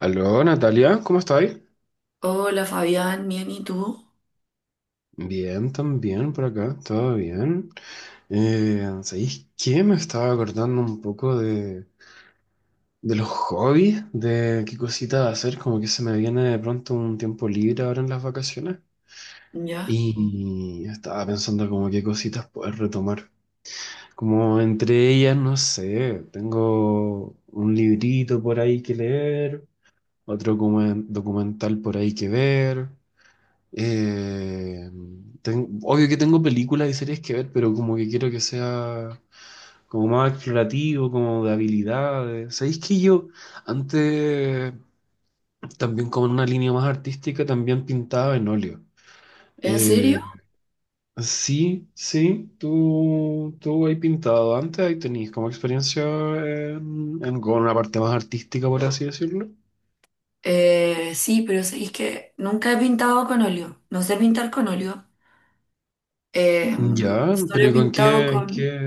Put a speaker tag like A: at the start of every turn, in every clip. A: Aló, Natalia, ¿cómo estáis?
B: Hola Fabián, bien, ¿y tú?
A: Bien, también por acá, todo bien. ¿Sabéis qué? Me estaba acordando un poco de los hobbies, de qué cositas hacer, como que se me viene de pronto un tiempo libre ahora en las vacaciones.
B: ¿Ya?
A: Y estaba pensando como qué cositas poder retomar. Como entre ellas, no sé, tengo un librito por ahí que leer, otro como documental por ahí que ver. Eh, Obvio que tengo películas y series que ver, pero como que quiero que sea como más explorativo, como de habilidades. ¿Sabéis que yo antes, también como en una línea más artística, también pintaba en óleo?
B: ¿En
A: Eh,
B: serio?
A: sí, sí, tú has pintado antes, ahí tenéis como experiencia con una parte más artística, por así decirlo.
B: Sí, pero es que nunca he pintado con óleo. No sé pintar con óleo. Eh,
A: Ya,
B: solo
A: pero ¿y
B: he
A: con
B: pintado
A: qué, en qué?
B: con,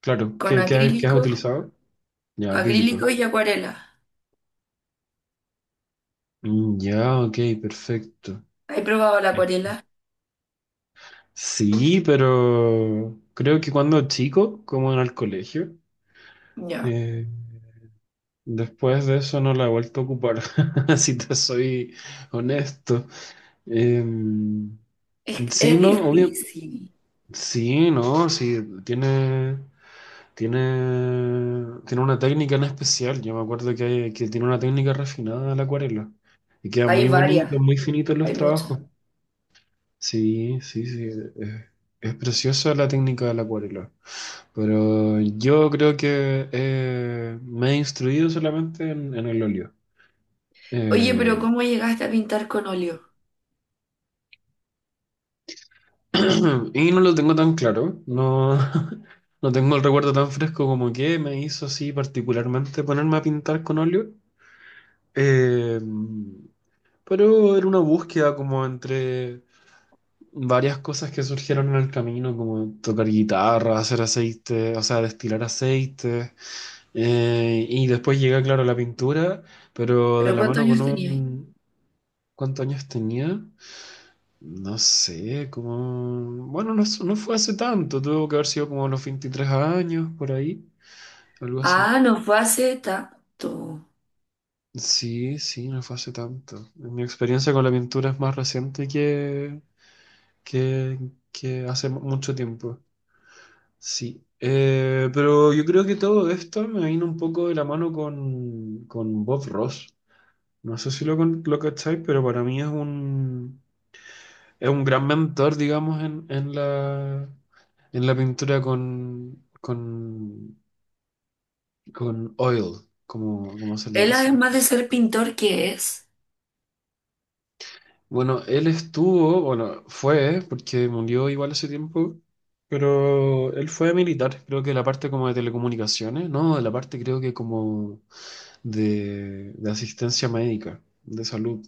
A: Claro,
B: con
A: ¿qué has
B: acrílico,
A: utilizado? Ya, acrílico.
B: acrílico y acuarela.
A: Mm, ya, ok, perfecto.
B: ¿He probado la
A: Sí.
B: acuarela?
A: Sí, pero creo que cuando chico, como en el colegio,
B: Ya.
A: eh, después de eso no la he vuelto a ocupar, si te soy honesto. Eh,
B: Es,
A: sí,
B: es
A: no, obvio,
B: difícil.
A: sí, no, sí, tiene, tiene una técnica en especial. Yo me acuerdo que tiene una técnica refinada de la acuarela y queda
B: Hay
A: muy bonito,
B: varias,
A: muy finito en los
B: hay muchas.
A: trabajos. Sí, sí, sí. eh, Es, preciosa la técnica del la Pero yo creo que me he instruido solamente en el óleo.
B: Oye,
A: Eh,
B: pero ¿cómo llegaste a pintar con óleo?
A: y no lo tengo tan claro. No, no tengo el recuerdo tan fresco como que me hizo así particularmente ponerme a pintar con óleo. Eh, pero era una búsqueda como entre varias cosas que surgieron en el camino, como tocar guitarra, hacer aceite, o sea, destilar aceite. Y después llega, claro, la pintura, pero de
B: ¿Pero
A: la
B: cuántos
A: mano con
B: años tenías?
A: un... ¿Cuántos años tenía? No sé, como... Bueno, no, no fue hace tanto, tuvo que haber sido como a los 23 años, por ahí, algo así.
B: Ah, no fue hace tanto.
A: Sí, sí, no fue hace tanto. Mi experiencia con la pintura es más reciente que, que hace mucho tiempo. Sí. Pero yo creo que todo esto me vino un poco de la mano con Bob Ross. No sé si lo cacháis, pero para mí es un, gran mentor, digamos, en la pintura con oil, como se le
B: Él
A: dice.
B: además de ser pintor, ¿qué es?
A: Bueno, él estuvo, bueno, fue, porque murió igual hace tiempo, pero él fue militar, creo que de la parte como de telecomunicaciones, ¿no? De la parte creo que como de asistencia médica, de salud.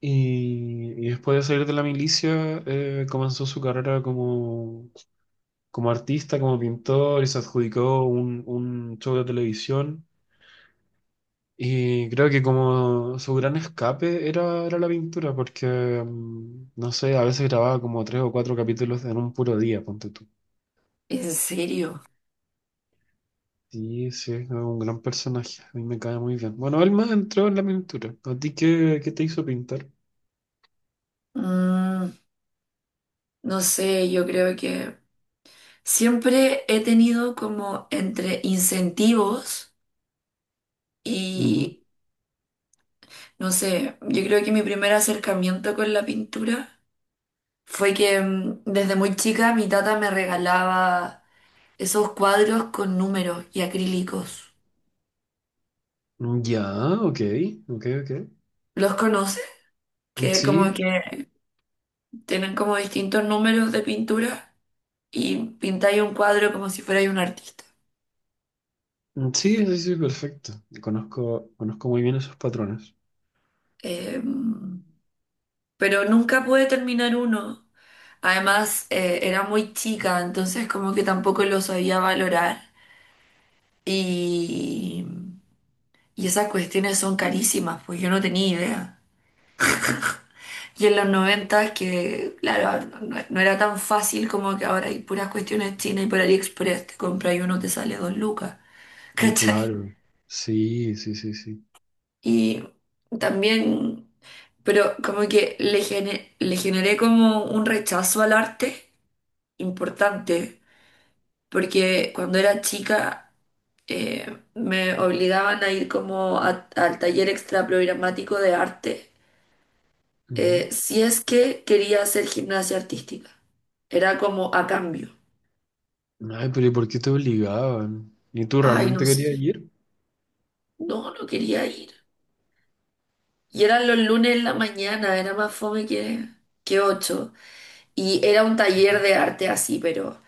A: Y después de salir de la milicia, comenzó su carrera como artista, como pintor, y se adjudicó un show de televisión. Y creo que como su gran escape era la pintura, porque, no sé, a veces grababa como 3 o 4 capítulos en un puro día, ponte tú.
B: ¿En serio?
A: Sí, sí, es un gran personaje, a mí me cae muy bien. Bueno, él más entró en la pintura. ¿A ti qué te hizo pintar?
B: Mm, no sé, yo creo que siempre he tenido como entre incentivos
A: Ujú.
B: y, no sé, yo creo que mi primer acercamiento con la pintura fue que desde muy chica mi tata me regalaba esos cuadros con números y acrílicos.
A: Ya, ok, ok, ok.
B: ¿Los conoces? Que
A: Sí,
B: como que tienen como distintos números de pintura y pintáis un cuadro como si fuerais un artista.
A: mm, sí, sí, sí, perfecto. Conozco muy bien esos patrones.
B: Em, pero nunca pude terminar uno. Además, era muy chica, entonces como que tampoco lo sabía valorar. Y, y esas cuestiones son carísimas, pues yo no tenía idea. Y en los 90 que, claro, no era tan fácil como que ahora hay puras cuestiones chinas y por AliExpress te compras y uno te sale dos lucas,
A: Mm,
B: ¿cachai?
A: claro. Sí, sí, sí, sí.
B: Y también, pero como que le generé como un rechazo al arte importante porque cuando era chica me obligaban a ir como al taller extraprogramático de arte si es que quería hacer gimnasia artística. Era como a cambio.
A: Ujú. Ay, pero ¿y por qué te obligaban? ¿Y tú
B: Ay,
A: realmente
B: no
A: querías
B: sé.
A: ir?
B: No, no quería ir. Y eran los lunes en la mañana, era más fome que ocho. Y era un taller de arte así, pero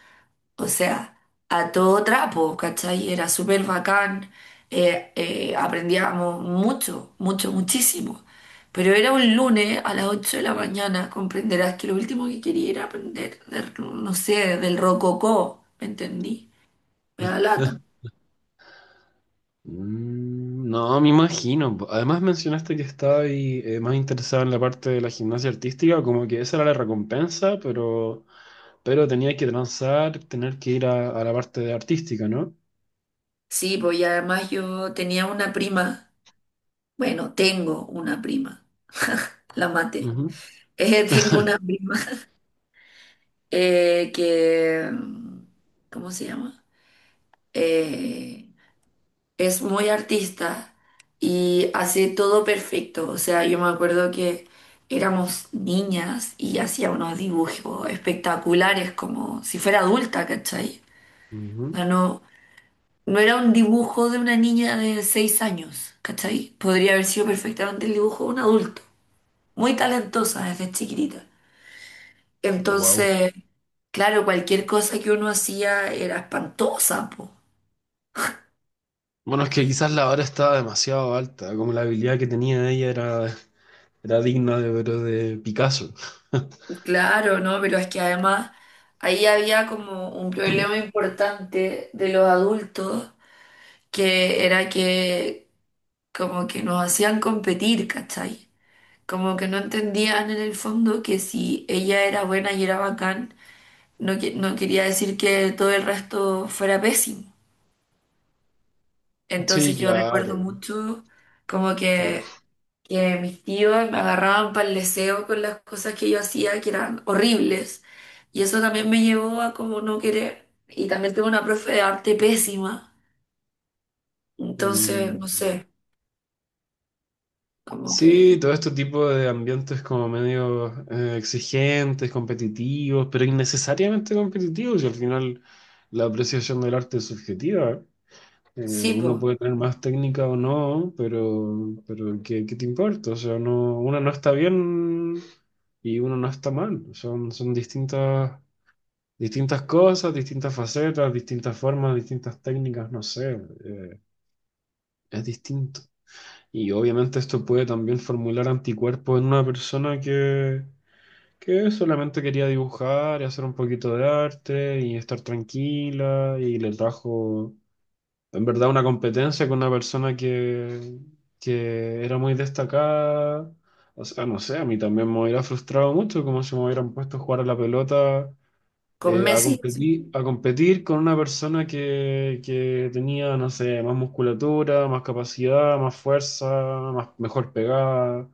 B: o sea, a todo trapo, ¿cachai? Era súper bacán, aprendíamos mucho, mucho, muchísimo. Pero era un lunes a las 8 de la mañana, comprenderás que lo último que quería era aprender, no sé, del rococó, ¿me entendí? Me da lata.
A: Mm, no, me imagino. Además mencionaste que estaba ahí, más interesado en la parte de la gimnasia artística, como que esa era la recompensa, pero, tenía que transar, tener que ir a la parte de artística, ¿no?
B: Sí, pues y además yo tenía una prima, bueno, tengo una prima, la maté. Tengo una prima que, ¿cómo se llama? Eh, es muy artista y hace todo perfecto. O sea, yo me acuerdo que éramos niñas y hacía unos dibujos espectaculares, como si fuera adulta, ¿cachai?
A: Wow.
B: No, no, no era un dibujo de una niña de 6 años, ¿cachai? Podría haber sido perfectamente el dibujo de un adulto. Muy talentosa desde chiquitita. Entonces, claro, cualquier cosa que uno hacía era espantosa, po.
A: Bueno, es que quizás la hora estaba demasiado alta, como la habilidad que tenía ella era digna de, pero de Picasso.
B: Claro, ¿no? Pero es que además ahí había como un problema importante de los adultos, que era que como que nos hacían competir, ¿cachai? Como que no entendían en el fondo que si ella era buena y era bacán, no, no quería decir que todo el resto fuera pésimo.
A: Sí,
B: Entonces yo recuerdo
A: claro,
B: mucho como
A: claro.
B: que mis tíos me agarraban para el deseo con las cosas que yo hacía, que eran horribles. Y eso también me llevó a como no querer. Y también tuve una profe de arte pésima. Entonces, no
A: Mm,
B: sé, como
A: sí,
B: que
A: todo este tipo de ambientes como medio exigentes, competitivos, pero innecesariamente competitivos, y al final la apreciación del arte es subjetiva.
B: sí,
A: Uno
B: po,
A: puede tener más técnica o no, pero, ¿qué te importa? O sea, no, uno no está bien y uno no está mal. Son distintas cosas, distintas facetas, distintas formas, distintas técnicas, no sé, eh, es distinto. Y obviamente esto puede también formular anticuerpos en una persona que solamente quería dibujar y hacer un poquito de arte y estar tranquila y le trajo en verdad una competencia con una persona que era muy destacada. O sea, no sé, a mí también me hubiera frustrado mucho como si me hubieran puesto a jugar a la pelota,
B: con
A: a
B: Messi, sí.
A: competir, a competir con una persona que tenía, no sé, más musculatura, más capacidad, más fuerza, mejor pegada.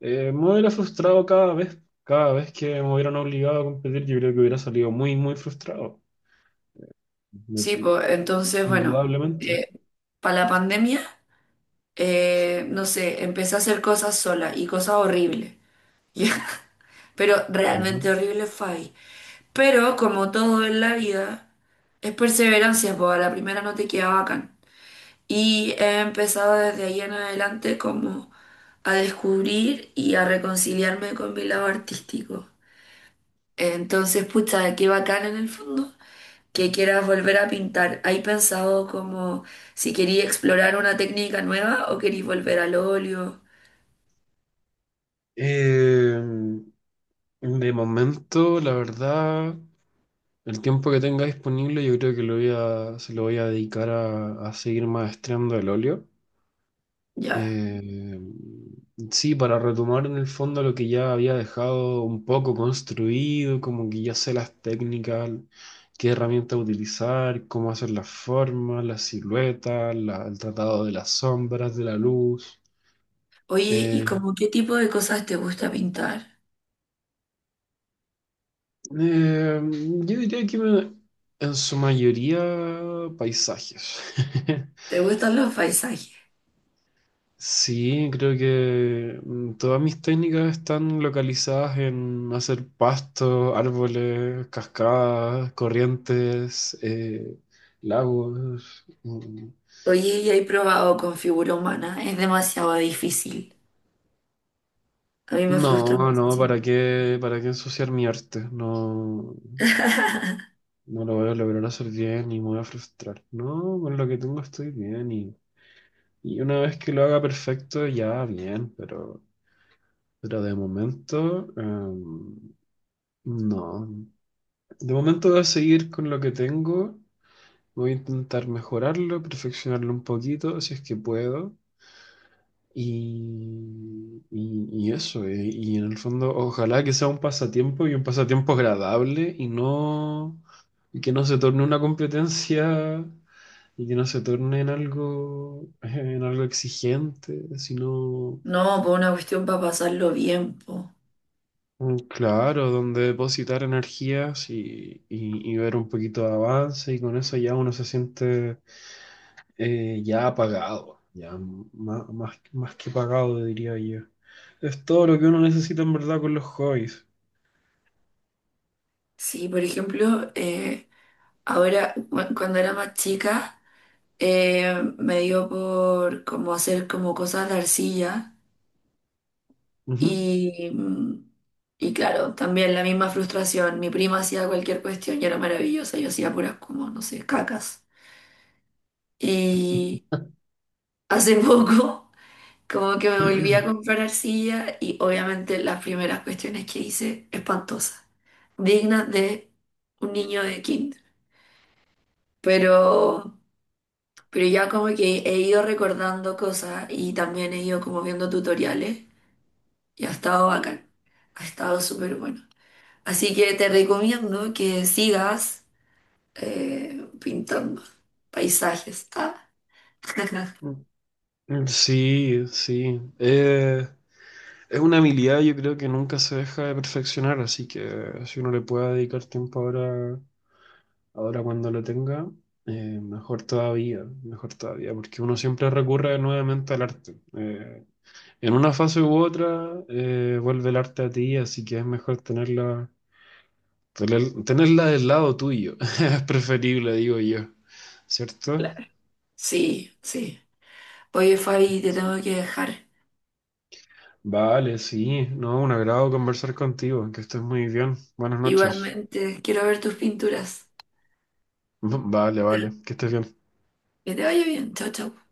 A: Me hubiera frustrado cada vez que me hubieran obligado a competir, yo creo que hubiera salido muy, muy frustrado,
B: Sí, pues entonces, bueno,
A: indudablemente.
B: para la pandemia, no sé, empecé a hacer cosas sola y cosas horribles. Pero realmente
A: Ujú.
B: horrible fue ahí. Pero como todo en la vida, es perseverancia, pues a la primera no te queda bacán. Y he empezado desde ahí en adelante como a descubrir y a reconciliarme con mi lado artístico. Entonces, pucha, qué bacán en el fondo que quieras volver a pintar. ¿Hay pensado como si quería explorar una técnica nueva o querís volver al óleo?
A: Eh, de momento, la verdad, el tiempo que tenga disponible yo creo que se lo voy a dedicar a seguir maestrando el óleo.
B: Ya.
A: Eh, sí, para retomar en el fondo lo que ya había dejado un poco construido, como que ya sé las técnicas, qué herramienta utilizar, cómo hacer las formas, las siluetas, el tratado de las sombras, de la luz.
B: Oye, ¿y como qué tipo de cosas te gusta pintar?
A: Eh, yo diría que en su mayoría paisajes.
B: ¿Te gustan los paisajes?
A: Sí, creo que todas mis técnicas están localizadas en hacer pastos, árboles, cascadas, corrientes, lagos. Mm,
B: Oye, ya he probado con figura humana, es demasiado difícil. A mí me frustra
A: no, no,
B: muchísimo.
A: ¿para qué ensuciar mi arte? No, no lo voy a lograr hacer bien y me voy a frustrar. No, con lo que tengo estoy bien, y una vez que lo haga perfecto, ya bien, pero de momento, no. De momento voy a seguir con lo que tengo, voy a intentar mejorarlo, perfeccionarlo un poquito, si es que puedo. Y eso, y en el fondo, ojalá que sea un pasatiempo y un pasatiempo agradable y no, y que no se torne una competencia y que no se torne en algo, en algo exigente, sino...
B: No, por una cuestión para pasarlo bien, po.
A: Mm, claro, donde depositar energías y ver un poquito de avance y con eso ya uno se siente ya apagado, ya más que pagado, diría yo. Es todo lo que uno necesita en verdad con los hobbies.
B: Sí, por ejemplo, ahora cuando era más chica me dio por como hacer como cosas de arcilla
A: Ujú.
B: y, mm, y claro, también la misma frustración. Mi prima hacía cualquier cuestión y era maravillosa, yo hacía puras como, no sé, cacas. Y hace poco... Como que me volví a comprar arcilla y obviamente las primeras cuestiones que hice, espantosas, dignas de un niño de kinder. Pero, pero ya como que he ido recordando cosas y también he ido como viendo tutoriales y ha estado bacán, ha estado súper bueno. Así que te recomiendo que sigas pintando paisajes. Ah.
A: Sí, sí. Es una habilidad yo creo que nunca se deja de perfeccionar, así que si uno le puede dedicar tiempo ahora cuando lo tenga, mejor todavía, porque uno siempre recurre nuevamente al arte. En una fase u otra, vuelve el arte a ti, así que es mejor tenerla, tenerla del lado tuyo. Es preferible, digo yo, ¿cierto?
B: Claro. Sí, sí. Oye, Fabi, te
A: Sí.
B: tengo que dejar.
A: Vale, sí, no, un agrado conversar contigo, que estés muy bien. Buenas noches.
B: Igualmente, quiero ver tus pinturas.
A: Vale, vale, que estés bien.
B: Que te vaya bien. Chao, chao.